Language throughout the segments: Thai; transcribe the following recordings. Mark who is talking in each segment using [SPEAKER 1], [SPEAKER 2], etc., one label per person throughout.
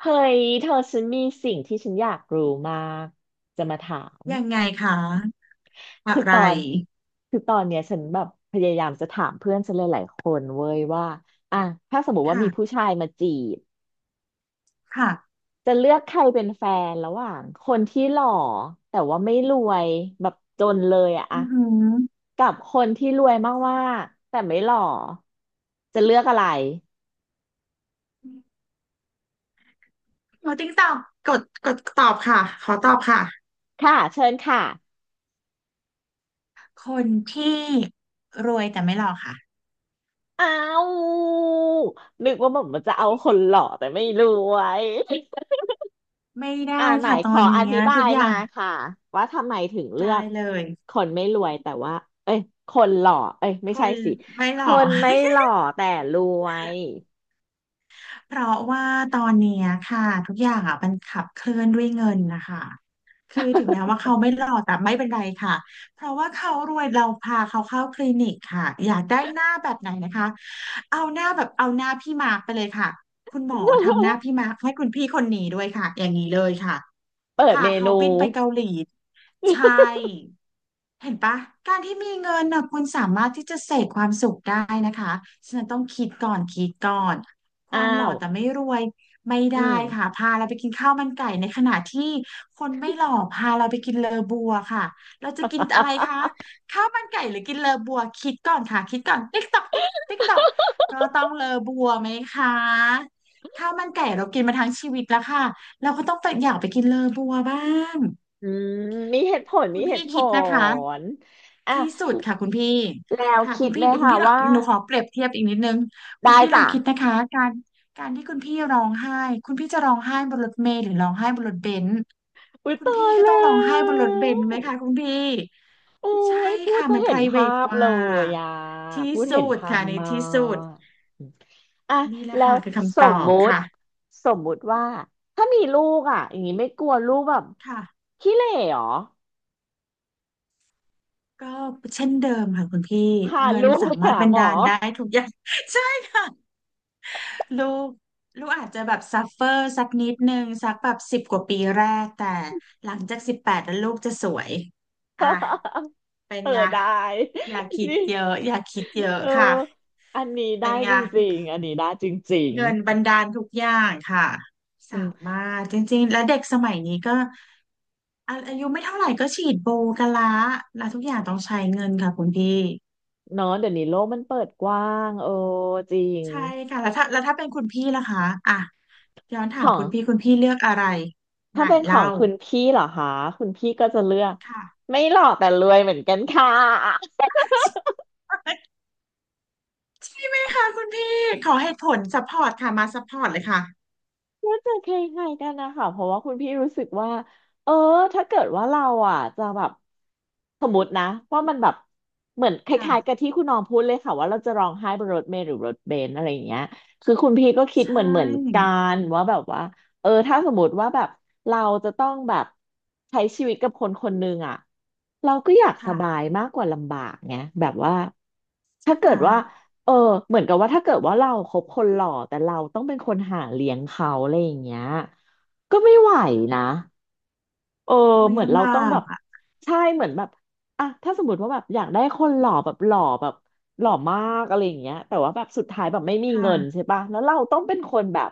[SPEAKER 1] เฮ้ยเธอฉันมีสิ่งที่ฉันอยากรู้มากจะมาถาม
[SPEAKER 2] ยังไงคะอะ
[SPEAKER 1] คือ
[SPEAKER 2] ไร
[SPEAKER 1] ตอนคือตอนเนี้ยฉันแบบพยายามจะถามเพื่อนฉันหลายๆคนเว้ยว่าอ่ะถ้าสมมติว่ามีผู้
[SPEAKER 2] ค่ะ
[SPEAKER 1] ชายมาจีบ
[SPEAKER 2] ค่ะ
[SPEAKER 1] จะเลือกใครเป็นแฟนระหว่างคนที่หล่อแต่ว่าไม่รวยแบบจนเลยอะอะ
[SPEAKER 2] อือหือ
[SPEAKER 1] กับคนที่รวยมากๆแต่ไม่หล่อจะเลือกอะไร
[SPEAKER 2] ขอติ๊งตอบกดตอบค่ะขอตอบค่ะ
[SPEAKER 1] ค่ะเชิญค่ะ
[SPEAKER 2] คนที่รวยแต่ไม่หล่อค่ะ
[SPEAKER 1] อ้าว นึกว่าผมมันจะเอาคนหล่อแต่ไม่รวย
[SPEAKER 2] ไม่
[SPEAKER 1] อ่า
[SPEAKER 2] ได้
[SPEAKER 1] ไหน
[SPEAKER 2] ค่ะต
[SPEAKER 1] ข
[SPEAKER 2] อ
[SPEAKER 1] อ
[SPEAKER 2] น
[SPEAKER 1] อ
[SPEAKER 2] เนี้ย
[SPEAKER 1] ธิบา
[SPEAKER 2] ทุก
[SPEAKER 1] ย
[SPEAKER 2] อ
[SPEAKER 1] มา
[SPEAKER 2] ย่าง
[SPEAKER 1] ค่ะว่าทำไมถึงเลือ
[SPEAKER 2] ได้
[SPEAKER 1] ก
[SPEAKER 2] เลย
[SPEAKER 1] คนไม่รวยแต่ว่าเอ้ยคนหล่อเอ้ย
[SPEAKER 2] ค
[SPEAKER 1] ไม่ใช่
[SPEAKER 2] น
[SPEAKER 1] สิ
[SPEAKER 2] ไม่ห
[SPEAKER 1] ค
[SPEAKER 2] ล่อ
[SPEAKER 1] นไม่หล่อแต่รวย
[SPEAKER 2] เพราะว่าตอนเนี้ยค่ะทุกอย่างอ่ะมันขับเคลื่อนด้วยเงินนะคะคือถึงแม้ว่าเขาไม่หล่อแต่ไม่เป็นไรค่ะเพราะว่าเขารวยเราพาเขาเข้าคลินิกค่ะอยากได้หน้าแบบไหนนะคะเอาหน้าแบบเอาหน้าพี่มาร์คไปเลยค่ะคุณหมอทำหน้า พี่มาร์คให้คุณพี่คนนี้ด้วยค่ะอย่างนี้เลยค่ะ
[SPEAKER 1] เปิด
[SPEAKER 2] พา
[SPEAKER 1] เม
[SPEAKER 2] เขา
[SPEAKER 1] นู
[SPEAKER 2] บินไปเกาหลีใช่เห็นปะการที่มีเงินน่ะคุณสามารถที่จะเสกความสุขได้นะคะฉะนันต้องคิดก่อนคิดก่อนค
[SPEAKER 1] อ้า
[SPEAKER 2] วามหล่อ
[SPEAKER 1] ว
[SPEAKER 2] แต่ไม่รวยไม่
[SPEAKER 1] อื
[SPEAKER 2] ได้
[SPEAKER 1] ม
[SPEAKER 2] ค่ะพาเราไปกินข้าวมันไก่ในขณะที่คนไม่หล่อพาเราไปกินเลอบัวค่ะเราจะกินอะไรคะ ข้าวมันไก่หรือกินเลอบัวคิดก่อนค่ะคิดก่อนติ๊กตอกติ๊กติ๊กตอกก็ต้องเลอบัวไหมคะข้าวมันไก่เรากินมาทั้งชีวิตแล้วค่ะ เราก็ต้องอยากไปกินเลอบัวบ้าง
[SPEAKER 1] อืมมีเหตุผลมี
[SPEAKER 2] คุณ
[SPEAKER 1] เห
[SPEAKER 2] พี่
[SPEAKER 1] ตุผ
[SPEAKER 2] คิดนะคะ
[SPEAKER 1] ลอ่ะ
[SPEAKER 2] ที่สุดค่ะคุณพี่
[SPEAKER 1] แล้ว
[SPEAKER 2] ค่ะ
[SPEAKER 1] คิ
[SPEAKER 2] คุ
[SPEAKER 1] ด
[SPEAKER 2] ณ
[SPEAKER 1] ไห
[SPEAKER 2] พี่
[SPEAKER 1] ม
[SPEAKER 2] คุณ
[SPEAKER 1] คะ
[SPEAKER 2] พี่
[SPEAKER 1] ว่า
[SPEAKER 2] หนูขอเปรียบเทียบอีกนิดนึงคุณ
[SPEAKER 1] ได้
[SPEAKER 2] พี่ลอ
[SPEAKER 1] จ้ะ
[SPEAKER 2] งคิดนะคะการที่คุณพี่ร้องไห้คุณพี่จะร้องไห้บนรถเมล์หรือร้องไห้บนรถเบนซ์
[SPEAKER 1] อุ้ย
[SPEAKER 2] คุณ
[SPEAKER 1] ตา
[SPEAKER 2] พี่
[SPEAKER 1] ย
[SPEAKER 2] ก็ต้อง
[SPEAKER 1] แล้
[SPEAKER 2] ร้องไห้บนรถเบ
[SPEAKER 1] ว
[SPEAKER 2] นซ์ไหมคะคุณพี่
[SPEAKER 1] โอ้
[SPEAKER 2] ใช่
[SPEAKER 1] ยพูด
[SPEAKER 2] ค่ะ
[SPEAKER 1] จะ
[SPEAKER 2] มัน
[SPEAKER 1] เห็นภา
[SPEAKER 2] private
[SPEAKER 1] พ
[SPEAKER 2] ก
[SPEAKER 1] เล
[SPEAKER 2] ว่า
[SPEAKER 1] ยอ่ะ
[SPEAKER 2] ที่
[SPEAKER 1] พูดเห็
[SPEAKER 2] สุ
[SPEAKER 1] น
[SPEAKER 2] ด
[SPEAKER 1] ภาพ
[SPEAKER 2] ค่ะใน
[SPEAKER 1] มา
[SPEAKER 2] ที่สุด
[SPEAKER 1] กอ่ะ
[SPEAKER 2] นี่แหละ
[SPEAKER 1] แล้ว
[SPEAKER 2] ค่ะคือ
[SPEAKER 1] ส
[SPEAKER 2] คำตอ
[SPEAKER 1] ม
[SPEAKER 2] บ
[SPEAKER 1] มุติ
[SPEAKER 2] ค่ะ
[SPEAKER 1] สมมุติว่าถ้ามีลูกอ่ะอย่างนี้ไม่กลัวลูกแบบ
[SPEAKER 2] ค่ะ
[SPEAKER 1] ขี้เหร่หรอ
[SPEAKER 2] ก็เช่นเดิมค่ะคุณพี่
[SPEAKER 1] พา
[SPEAKER 2] เงิน
[SPEAKER 1] ลูก
[SPEAKER 2] สา
[SPEAKER 1] ไป
[SPEAKER 2] มารถ
[SPEAKER 1] หา
[SPEAKER 2] บัน
[SPEAKER 1] หมอ
[SPEAKER 2] ดาลได้ทุกอย่าง ใช่ค่ะลูกลูกอาจจะแบบซัฟเฟอร์สักนิดนึงสักแบบสิบกว่าปีแรกแต่หลังจากสิบแปดแล้วลูกจะสวยอ่ะ เป็น
[SPEAKER 1] เออ
[SPEAKER 2] ไง
[SPEAKER 1] ได้
[SPEAKER 2] อย่าคิด
[SPEAKER 1] นี่
[SPEAKER 2] เยอะอย่าคิดเยอะ
[SPEAKER 1] เออ
[SPEAKER 2] ค่ะ
[SPEAKER 1] อันนี้ได้
[SPEAKER 2] เป็นไง
[SPEAKER 1] จริงๆอันนี้ได้จริง
[SPEAKER 2] เงินบันดาลทุกอย่างค่ะ
[SPEAKER 1] ๆอื
[SPEAKER 2] สา
[SPEAKER 1] ม
[SPEAKER 2] มารถจริงๆและเด็กสมัยนี้ก็อายุไม่เท่าไหร่ก็ฉีดโบกันละแล้วทุกอย่างต้องใช้เงินค่ะคุณพี่
[SPEAKER 1] เนาะเดี๋ยวนี้โลกมันเปิดกว้างเออจริง
[SPEAKER 2] ใช่ค่ะแล้วถ้าเป็นคุณพี่ล่ะคะอ่ะย้อนถา
[SPEAKER 1] หร
[SPEAKER 2] ม
[SPEAKER 1] อ
[SPEAKER 2] คุณพี่คุณพี่เลือกอะไรไหน
[SPEAKER 1] ถ้าเป็นของ
[SPEAKER 2] เล่า
[SPEAKER 1] คุณพี่เหรอคะ คุณพี่ก็จะเลือก
[SPEAKER 2] ค่ะ
[SPEAKER 1] ไม่หล่อแต่รวยเหมือนกันค่ะ
[SPEAKER 2] ใช่ไหมคะคุณพี่ขอเหตุผลซัพพอร์ตค่ะมาซัพพอร์ตเลยค่ะ
[SPEAKER 1] ก็จะคล้ายๆกันนะคะเพราะว่าคุณพี่รู้สึกว่าเออถ้าเกิดว่าเราอ่ะจะแบบสมมตินะว่ามันแบบเหมือนคล้ายๆกับ
[SPEAKER 2] ค่ะ
[SPEAKER 1] ที่คุณน้องพูดเลยค่ะว่าเราจะร้องไห้บนรถเมล์หรือรถเบนซ์อะไรอย่างเงี้ยคือคุณพี่ก็คิด
[SPEAKER 2] ใช่
[SPEAKER 1] เหมือนกันว่าแบบว่าเออถ้าสมมติว่าแบบเราจะต้องแบบใช้ชีวิตกับคนคนหนึ่งอ่ะ เราก็อยากส
[SPEAKER 2] ค่ะ
[SPEAKER 1] บายมากกว่าลำบากไงแบบว่าถ้า
[SPEAKER 2] ใช่
[SPEAKER 1] เกิ
[SPEAKER 2] ไหม
[SPEAKER 1] ดว่าเออเหมือนกับว่าถ้าเกิดว่าเราคบคนหล่อแต่เราต้องเป็นคนหาเลี้ยงเขาอะไรอย่างเงี้ยก็ไม่ไหวนะ เออ
[SPEAKER 2] อุ้ย
[SPEAKER 1] เหมือน
[SPEAKER 2] ลำ
[SPEAKER 1] เรา
[SPEAKER 2] บา
[SPEAKER 1] ต้องแบ
[SPEAKER 2] ก
[SPEAKER 1] บ
[SPEAKER 2] อ่ะ
[SPEAKER 1] ใช่เหมือนแบบอ่ะถ้าสมมติว่าแบบอยากได้คนหล่อแบบหล่อแบบหล่อมากอะไรอย่างเงี้ยแต่ว่าแบบสุดท้ายแบบไม่มีเงิน
[SPEAKER 2] ค่ะ
[SPEAKER 1] ใช่ปะแล้วเราต้องเป็นคนแบบ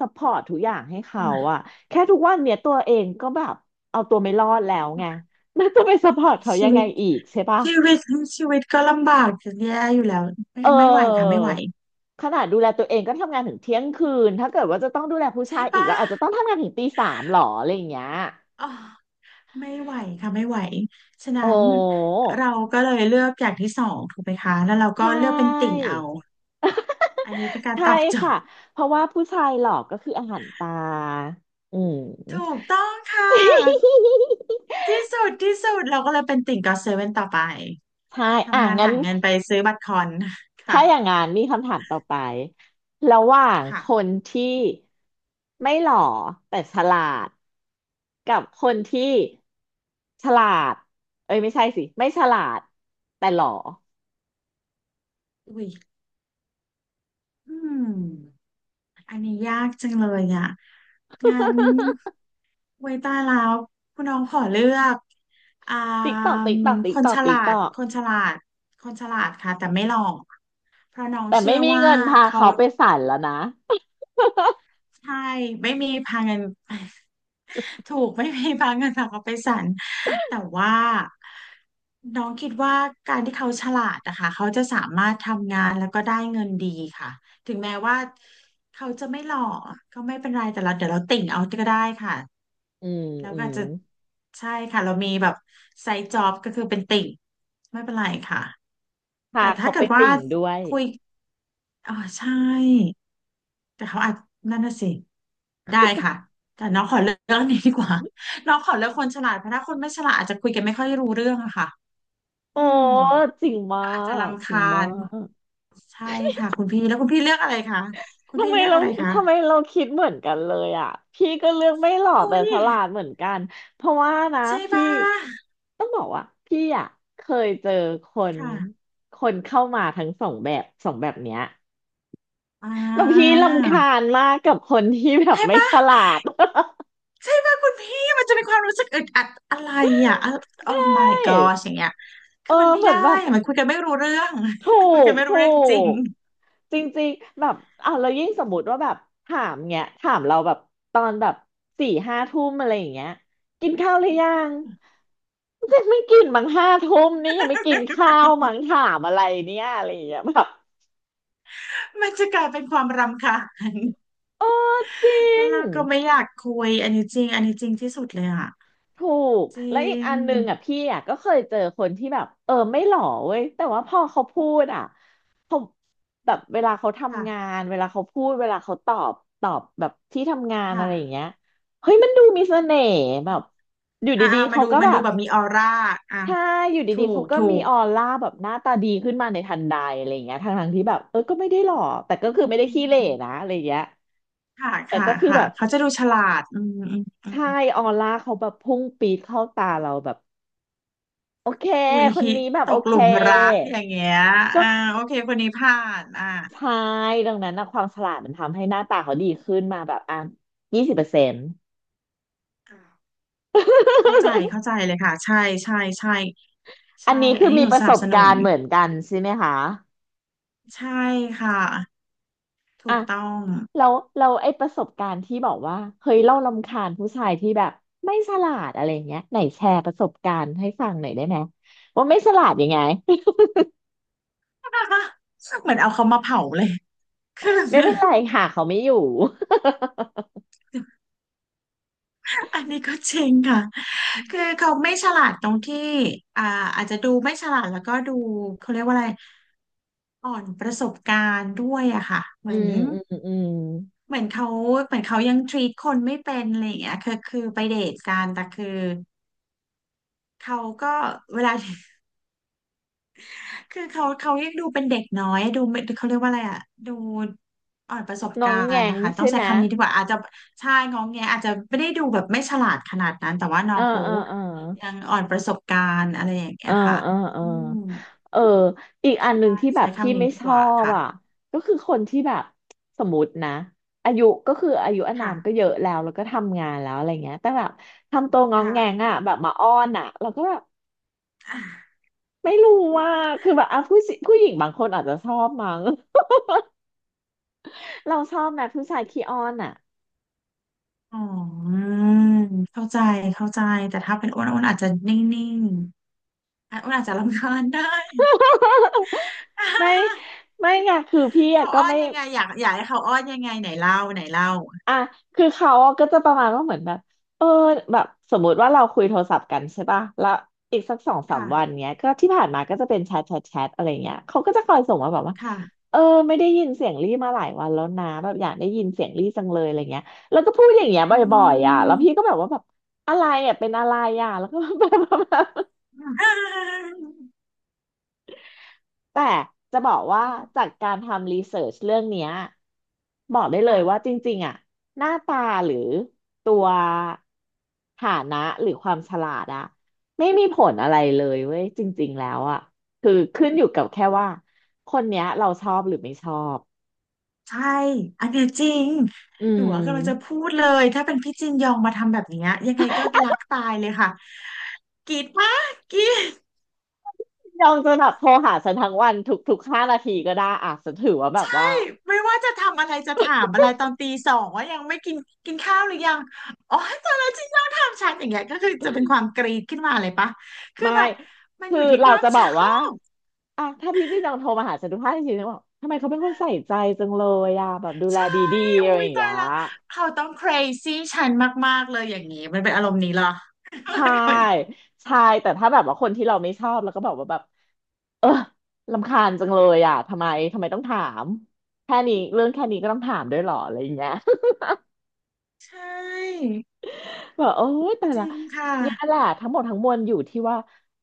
[SPEAKER 1] ซัพพอร์ตทุกอย่างให้
[SPEAKER 2] โอ้
[SPEAKER 1] เขา
[SPEAKER 2] ย
[SPEAKER 1] อะแค่ทุกวันเนี้ยตัวเองก็แบบเอาตัวไม่รอดแล้วไง แล้วจะไปซัพพอร์ตเขา
[SPEAKER 2] ชี
[SPEAKER 1] ยัง
[SPEAKER 2] วิ
[SPEAKER 1] ไง
[SPEAKER 2] ต
[SPEAKER 1] อีกใช่ปะ
[SPEAKER 2] ชีวิตชีวิตก็ลำบากจะแย่อยู่แล้วไม่
[SPEAKER 1] เอ
[SPEAKER 2] ไม่ไหวค่ะไม่
[SPEAKER 1] อ
[SPEAKER 2] ไหว
[SPEAKER 1] ขนาดดูแลตัวเองก็ทำงานถึงเที่ยงคืนถ้าเกิดว่าจะต้องดูแลผู้
[SPEAKER 2] ใช่
[SPEAKER 1] ชายอีก
[SPEAKER 2] ปะ
[SPEAKER 1] แล้วอาจจะต้องทำงานถึงตี 3หรออะไรอย่างเงี้ย
[SPEAKER 2] อ๋อ ไม่ไหวค่ะไม่ไหว ฉะนั้
[SPEAKER 1] โอ้
[SPEAKER 2] นเราก็เลยเลือกอย่างที่สองถูกไหมคะแล้วเรา
[SPEAKER 1] ใช
[SPEAKER 2] ก็เลือกเป็นติ่ง
[SPEAKER 1] ่
[SPEAKER 2] เอา อันนี้เป็นการ
[SPEAKER 1] ใช่
[SPEAKER 2] ตอบโจ
[SPEAKER 1] ค่ะ
[SPEAKER 2] ทย์
[SPEAKER 1] เพราะว่าผู้ชายหลอกก็คืออาหารตาอื
[SPEAKER 2] ถูก
[SPEAKER 1] ม
[SPEAKER 2] ต้องค่ะที่สุดเราก็เลยเป็นติ่งก็อตเซเว่นต่อไป
[SPEAKER 1] ใช่อ่ะ
[SPEAKER 2] ทำงาน
[SPEAKER 1] งั้น
[SPEAKER 2] หาเงินไปซื้อบัตรคอนค่ะ
[SPEAKER 1] ถ้าอย่างงั้นมีคำถามต่อไป ระหว่างค
[SPEAKER 2] ค่ะ
[SPEAKER 1] นที่ไม่หล่อแต่ฉลาดกับคนที่ฉลาดเอ้ยไม่ใช่สิไม่ฉลาดแต่หล่อ
[SPEAKER 2] อุ้ยอืมอันนี้ยากจังเลยอ่ะงั้นไว้ตายแล้วคุณน้องขอเลือกอ่า
[SPEAKER 1] ติ๊กตอกติ๊กตอก
[SPEAKER 2] ค
[SPEAKER 1] ติ๊ก
[SPEAKER 2] น
[SPEAKER 1] ตอ
[SPEAKER 2] ฉ
[SPEAKER 1] ก
[SPEAKER 2] ลา
[SPEAKER 1] ติ๊กต
[SPEAKER 2] ด
[SPEAKER 1] อก
[SPEAKER 2] คนฉลาดคนฉลาดค่ะแต่ไม่หล่อ เพราะน้อง
[SPEAKER 1] แต่
[SPEAKER 2] เชื่
[SPEAKER 1] ไม่
[SPEAKER 2] อ
[SPEAKER 1] มี
[SPEAKER 2] ว่า
[SPEAKER 1] เงินพา
[SPEAKER 2] เขา
[SPEAKER 1] เขาไปศาลแล้วนะ
[SPEAKER 2] ใช่ไม่มีพาเงิน ถูกไม่มีพาเงินฝากเขาไปศาลแต่ว่าน้องคิดว่าการที่เขาฉลาดนะคะเขาจะสามารถทำงานแล้วก็ได้เงินดีค่ะถึงแม้ว่าเขาจะไม่หล่อก็ไม่เป็นไรแต่เราเดี๋ยวเราติ่งเอาก็ได้ค่ะ
[SPEAKER 1] อืม
[SPEAKER 2] แล้ว
[SPEAKER 1] อื
[SPEAKER 2] ก็
[SPEAKER 1] ม
[SPEAKER 2] อาจจะใช่ค่ะเรามีแบบไซด์จ็อบก็คือเป็นติ่งไม่เป็นไรค่ะ
[SPEAKER 1] ค่ะ
[SPEAKER 2] แต่ถ้า
[SPEAKER 1] เขา
[SPEAKER 2] เกิ
[SPEAKER 1] เป็
[SPEAKER 2] ด
[SPEAKER 1] น
[SPEAKER 2] ว่า
[SPEAKER 1] ติ่งด้วย
[SPEAKER 2] คุย อ๋อใช่แต่เขาอาจนั่นน่ะสิได้ค่ะแต่น้องขอเลือกเรื่องนี้ดีกว่า น้องขอเลือกคนฉลาดเพราะถ้าคนไม่ฉลาดอาจจะคุยกันไม่ค่อยรู้เรื่องอะค่ะอื
[SPEAKER 1] โอ้
[SPEAKER 2] ม
[SPEAKER 1] จริงมา
[SPEAKER 2] อาจจะ
[SPEAKER 1] ก
[SPEAKER 2] รำ
[SPEAKER 1] จริง
[SPEAKER 2] คา
[SPEAKER 1] มา
[SPEAKER 2] ญ
[SPEAKER 1] ก
[SPEAKER 2] ใช่ค่ะคุณพี่แล้วคุณพี่เลือกอะไรคะคุณ
[SPEAKER 1] ทำ
[SPEAKER 2] พี่
[SPEAKER 1] ไม
[SPEAKER 2] เลือก
[SPEAKER 1] เรา
[SPEAKER 2] อะไรคะ
[SPEAKER 1] ทำไมเราคิดเหมือนกันเลยอ่ะพี่ก็เลือกไม่หล่อ
[SPEAKER 2] อุ้
[SPEAKER 1] แต่
[SPEAKER 2] ย
[SPEAKER 1] ฉลาดเหมือนกันเพราะว่านะ
[SPEAKER 2] ใช่
[SPEAKER 1] พี่
[SPEAKER 2] ป่ะ
[SPEAKER 1] ต้องบอกว่าพี่อ่ะเคยเจอคน
[SPEAKER 2] ค่ะ
[SPEAKER 1] คนเข้ามาทั้งสองแบบเนี้ย
[SPEAKER 2] อ่
[SPEAKER 1] แล้วพี่
[SPEAKER 2] า
[SPEAKER 1] รำคาญมากกับคนที่แบบ
[SPEAKER 2] ใช่
[SPEAKER 1] ไม่
[SPEAKER 2] ป่ะ
[SPEAKER 1] ฉลาด
[SPEAKER 2] ใช่ไหมคุณพี่มันจะมีความรู้สึกอึดอัดอะไรอ่ะ โอ้
[SPEAKER 1] ใช่
[SPEAKER 2] my god อย่างเงี้ย
[SPEAKER 1] เอ
[SPEAKER 2] คือมั
[SPEAKER 1] อ
[SPEAKER 2] นไม่
[SPEAKER 1] เหมือ
[SPEAKER 2] ได้
[SPEAKER 1] นแบบ
[SPEAKER 2] อะมันคุยกันไม่รู้เรื่อง
[SPEAKER 1] ถู
[SPEAKER 2] มันคุยกั
[SPEAKER 1] ก
[SPEAKER 2] นไม่
[SPEAKER 1] ถู
[SPEAKER 2] รู้เรื่องจริง
[SPEAKER 1] ก จริงๆแบบอ่ะเรายิ่งสมมติว่าแบบถามเงี้ยถามเราแบบตอนแบบสี่ห้าทุ่มอะไรอย่างเงี้ยกินข้าวหรือยังยังไม่กินมั้งห้าทุ่มนี่ยังไม่กินข้าวมั้งถามอะไรเนี่ยอะไรอย่างเงี้ยแบบ
[SPEAKER 2] มันจะกลายเป็นความรำคาญ
[SPEAKER 1] เออจริ
[SPEAKER 2] แล้ว
[SPEAKER 1] ง
[SPEAKER 2] เราก็ไม่อยากคุยอันนี้จริงอันนี้จริงที่สุดเลยอ่ะ
[SPEAKER 1] ถูก
[SPEAKER 2] จริ
[SPEAKER 1] แล้วอีก
[SPEAKER 2] ง
[SPEAKER 1] อันหนึงอ่ะพี่อ่ะก็เคยเจอคนที่แบบเออไม่หล่อเว้ยแต่ว่าพอเขาพูดอ่ะเขาแบบเวลาเขาทำงา
[SPEAKER 2] ค่ะ
[SPEAKER 1] นเวลาเขาพูดเวลาเขาตอบตอบแบบที่ทำงานอะไรอย่างเงี้
[SPEAKER 2] ค่ะ
[SPEAKER 1] ยเฮ้ยมันดูมีเสน่ห์แบบอยู่
[SPEAKER 2] อ่า
[SPEAKER 1] ดี
[SPEAKER 2] อ่า
[SPEAKER 1] ๆ
[SPEAKER 2] มา
[SPEAKER 1] เขา
[SPEAKER 2] ดู
[SPEAKER 1] ก็
[SPEAKER 2] มัน
[SPEAKER 1] แบ
[SPEAKER 2] ดู
[SPEAKER 1] บ
[SPEAKER 2] แบบมีออร่าอ่ะ
[SPEAKER 1] ใช่อยู่
[SPEAKER 2] ถู
[SPEAKER 1] ดีๆ
[SPEAKER 2] ก
[SPEAKER 1] เขาก็
[SPEAKER 2] ถู
[SPEAKER 1] มี
[SPEAKER 2] ก
[SPEAKER 1] ออร่าแบบหน้าตาดีขึ้นมาในทันใดอะไรอย่างเงี้ยทั้งๆที่แบบเออก็ไม่ได้หล่อแต่ก็
[SPEAKER 2] อื
[SPEAKER 1] คือไม่ได้ขี้เหร่
[SPEAKER 2] ม
[SPEAKER 1] นะอะไรอย่างเงี้ย
[SPEAKER 2] ค่ะ
[SPEAKER 1] แต่
[SPEAKER 2] ค่ะ
[SPEAKER 1] ก็คือแบ
[SPEAKER 2] ค่ะ
[SPEAKER 1] บ
[SPEAKER 2] เขาจะดูฉลาดอืมอืมอื
[SPEAKER 1] ใช่
[SPEAKER 2] ม
[SPEAKER 1] ออร่าเขาแบบพุ่งปีดเข้าตาเราแบบ โอเค
[SPEAKER 2] อุ้ย
[SPEAKER 1] คนนี้แบบ
[SPEAKER 2] ต
[SPEAKER 1] โอ
[SPEAKER 2] กห
[SPEAKER 1] เค
[SPEAKER 2] ลุมรักอย่างเงี้ย
[SPEAKER 1] ก็
[SPEAKER 2] อ่าโอเคคนนี้ผ่านอ่า
[SPEAKER 1] ใช่ดังนั้นนะความฉลาดมันทำให้หน้าตาเขาดีขึ้นมาแบบอ่ะ20%
[SPEAKER 2] อ่าเข้าใจเข้าใจเลยค่ะใช่ใช่ใช่
[SPEAKER 1] อั
[SPEAKER 2] ใช่
[SPEAKER 1] นนี้
[SPEAKER 2] อั
[SPEAKER 1] คื
[SPEAKER 2] น
[SPEAKER 1] อ
[SPEAKER 2] นี้
[SPEAKER 1] มี
[SPEAKER 2] หนู
[SPEAKER 1] ป
[SPEAKER 2] ส
[SPEAKER 1] ระส
[SPEAKER 2] นับ
[SPEAKER 1] บ
[SPEAKER 2] สนุ
[SPEAKER 1] กา
[SPEAKER 2] น
[SPEAKER 1] รณ์เหมือนกันใช่ไหมคะ
[SPEAKER 2] ใช่ค่ะถู
[SPEAKER 1] อ่ะ
[SPEAKER 2] กต้อง
[SPEAKER 1] เราเราไอ้ประสบการณ์ที่บอกว่าเฮ้ยเรารำคาญผู้ชายที่แบบไม่ฉลาดอะไรเงี้ยไหนแชร์ประสบการณ์ให้ฟังหน่อยได้ไหมว่าไม่ฉลาดยังไง
[SPEAKER 2] เหมือนเอาเขามาเผาเลย คือ
[SPEAKER 1] ไม่เป็นไรค่ะเขาไม่อยู่
[SPEAKER 2] อันนี้ก็จริงค่ะคือ เขาไม่ฉลาดตรงที่อ่าอาจจะดูไม่ฉลาดแล้วก็ดูเขาเรียกว่าอะไรอ่อนประสบการณ์ด้วยอะค่ะเห
[SPEAKER 1] อื
[SPEAKER 2] มือน
[SPEAKER 1] มอืมอืม
[SPEAKER 2] เหมือนเขาเหมือนเขายังทรีตคนไม่เป็นอะไรอย่างเงี้ยคือไปเดทกันแต่คือเขาก็เวลา คือเขายังดูเป็นเด็กน้อยดูไม่เขาเรียกว่าอะไรอ่ะดูอ่อนประสบ
[SPEAKER 1] น้อ
[SPEAKER 2] กา
[SPEAKER 1] งแง
[SPEAKER 2] รณ์
[SPEAKER 1] ง
[SPEAKER 2] นะคะต้อ
[SPEAKER 1] ใช่
[SPEAKER 2] งใช้
[SPEAKER 1] ไหม
[SPEAKER 2] คำนี้ดีกว่าอาจจะใช่งองแงอาจจะไม่ได้ดูแบบไม่ฉลาดขนาดนั้นแต่ว่าน้อ
[SPEAKER 1] เออ
[SPEAKER 2] งเขา
[SPEAKER 1] เออเออ
[SPEAKER 2] ยังอ่อนประสบการณ์อะไรอย่าง
[SPEAKER 1] เอ
[SPEAKER 2] เงี้
[SPEAKER 1] อ
[SPEAKER 2] ยค่ะ
[SPEAKER 1] เออเออ
[SPEAKER 2] อืม
[SPEAKER 1] เอออีกอันหนึ่งที่แบ
[SPEAKER 2] ใช้
[SPEAKER 1] บพี่
[SPEAKER 2] คำนี้
[SPEAKER 1] ไม่
[SPEAKER 2] ดี
[SPEAKER 1] ช
[SPEAKER 2] ก
[SPEAKER 1] อ
[SPEAKER 2] ว่า
[SPEAKER 1] บอ่ะ
[SPEAKER 2] ค่ะ
[SPEAKER 1] ก็คือคนที่แบบสมมตินะอายุก็คืออายุอานา
[SPEAKER 2] ค่ะ
[SPEAKER 1] มก็เยอะแล้วแล้วก็ทำงานแล้วอะไรเงี้ยแต่แบบทำตัวงองแงง
[SPEAKER 2] ค่ะ
[SPEAKER 1] อ่ะแบบมาอ้อนอ่ะเราก็แบบ
[SPEAKER 2] อ่ะ
[SPEAKER 1] ไม่รู้ว่าคือแบบอ่ะผู้สิผู้หญิงบางคนอาจจะชอบมั้ง เราชอบนะผู้ชายขี้อ้อนอ่ะ
[SPEAKER 2] อ๋อเข้าใจเข้าใจแต่ถ้าเป็นอ้วนอาจจะนิ่งๆอะอ้วนอาจจะรำคาญได้
[SPEAKER 1] ไม่ ไม่ไงคือพี่อะ
[SPEAKER 2] เขา
[SPEAKER 1] ก็
[SPEAKER 2] อ้อน
[SPEAKER 1] ไม่
[SPEAKER 2] ยังไงอยากให้เขาอ้อนยังไงไหนเล่าไหนเล่า
[SPEAKER 1] อ่ะคือเขาอะก็จะประมาณว่าเหมือนแบบเออแบบสมมุติว่าเราคุยโทรศัพท์กันใช่ป่ะแล้วอีกสักสองสาม
[SPEAKER 2] ค่ะ
[SPEAKER 1] วันเนี้ยก็ที่ผ่านมาก็จะเป็นแชทอะไรเงี้ยเขาก็จะคอยส่งมาแบบว่า
[SPEAKER 2] ค่ะ
[SPEAKER 1] เออไม่ได้ยินเสียงรี่มาหลายวันแล้วนะแบบอยากได้ยินเสียงรี่จังเลยอะไรเงี้ยแล้วก็พูดอย่างเงี้ยบ
[SPEAKER 2] อื
[SPEAKER 1] ่อยๆอ่ะ
[SPEAKER 2] ม
[SPEAKER 1] แล้วพี่ก็แบบว่าแบบอะไรอ่ะเป็นอะไรอ่ะแล้วก็แบบ แต่จะบอกว่าจากการทำรีเสิร์ชเรื่องเนี้ยบอกได้เล
[SPEAKER 2] ค่ะ
[SPEAKER 1] ยว่าจริงๆอ่ะหน้าตาหรือตัวฐานะหรือความฉลาดอ่ะไม่มีผลอะไรเลยเว้ยจริงๆแล้วอ่ะคือขึ้นอยู่กับแค่ว่าคนเนี้ยเราชอบหรือไม่ชอบ
[SPEAKER 2] ใช่ อันเนี้ยจริง
[SPEAKER 1] อื
[SPEAKER 2] หนูกำลังจะ
[SPEAKER 1] ม
[SPEAKER 2] พูดเลย ถ้าเป็นพี่จินยองมาทำแบบเนี้ยยังไงก็รักตายเลยค่ะกรีดปะกรีด
[SPEAKER 1] ยองจะแบบโทรหาฉันทั้งวันทุก5 นาทีก็ได้อ่ะฉันถือว่าแบบ
[SPEAKER 2] ใช่
[SPEAKER 1] ว่า
[SPEAKER 2] ไม่ว่าจะทำอะไรจะถาม อะไรตอนตีสองว่ายังไม่กินกินข้าวหรือยังอ๋อตอนนั้นจินยองถามฉันอย่างเงี้ยก็คือจะเป็นความกรีดขึ้นมาเลยปะ คือ
[SPEAKER 1] ไม่
[SPEAKER 2] แบบมัน
[SPEAKER 1] คื
[SPEAKER 2] อ
[SPEAKER 1] อ
[SPEAKER 2] ยู่ที่ค
[SPEAKER 1] เรา
[SPEAKER 2] วาม
[SPEAKER 1] จะบ
[SPEAKER 2] ช
[SPEAKER 1] อก
[SPEAKER 2] อ
[SPEAKER 1] ว่า
[SPEAKER 2] บ
[SPEAKER 1] อ่ะถ้าพี่จี้จังโทรมาหาฉันทุกท่าทีฉันบอกทำไมเขาเป็นคนใส่ใจจังเลยอ่ะแบบดูแล
[SPEAKER 2] ใช่
[SPEAKER 1] ดีๆอะไร
[SPEAKER 2] อุ้
[SPEAKER 1] อ
[SPEAKER 2] ย
[SPEAKER 1] ย่าง
[SPEAKER 2] ตา
[SPEAKER 1] เงี้
[SPEAKER 2] ย
[SPEAKER 1] ย
[SPEAKER 2] ละเขาต้อง crazy ฉันมากๆเลยอย่างนี้มันเป็นอารมณ์นี้เหรอ
[SPEAKER 1] ใช่ใช่แต่ถ้าแบบว่าคนที่เราไม่ชอบแล้วก็บอกว่าแบบเออรำคาญจังเลยอ่ะทำไมต้องถามแค่นี้เรื่องแค่นี้ก็ต้องถามด้วยเหรออะไรอย่างเงี้ย
[SPEAKER 2] ใช่
[SPEAKER 1] แบอกโอ๊ยแต่
[SPEAKER 2] จ
[SPEAKER 1] ละ
[SPEAKER 2] ริงค่ะ
[SPEAKER 1] เนี่ยแหละทั้งหมดทั้งมวลอยู่ที่ว่า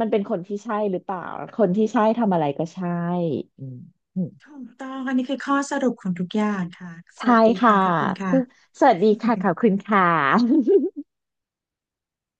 [SPEAKER 1] มันเป็นคนที่ใช่หรือเปล่าคนที่ใช่ทำอะไรก็ใช่อืมอืม
[SPEAKER 2] ถูกต้องอันนี้คือข้อสรุปของทุกอย่างค่ะส
[SPEAKER 1] ใช่
[SPEAKER 2] วัสดี
[SPEAKER 1] ค่ะ
[SPEAKER 2] ค่ะขอบคุณค่ะ
[SPEAKER 1] ซึ่งสวัสดีค่ะขอบคุณค่ะ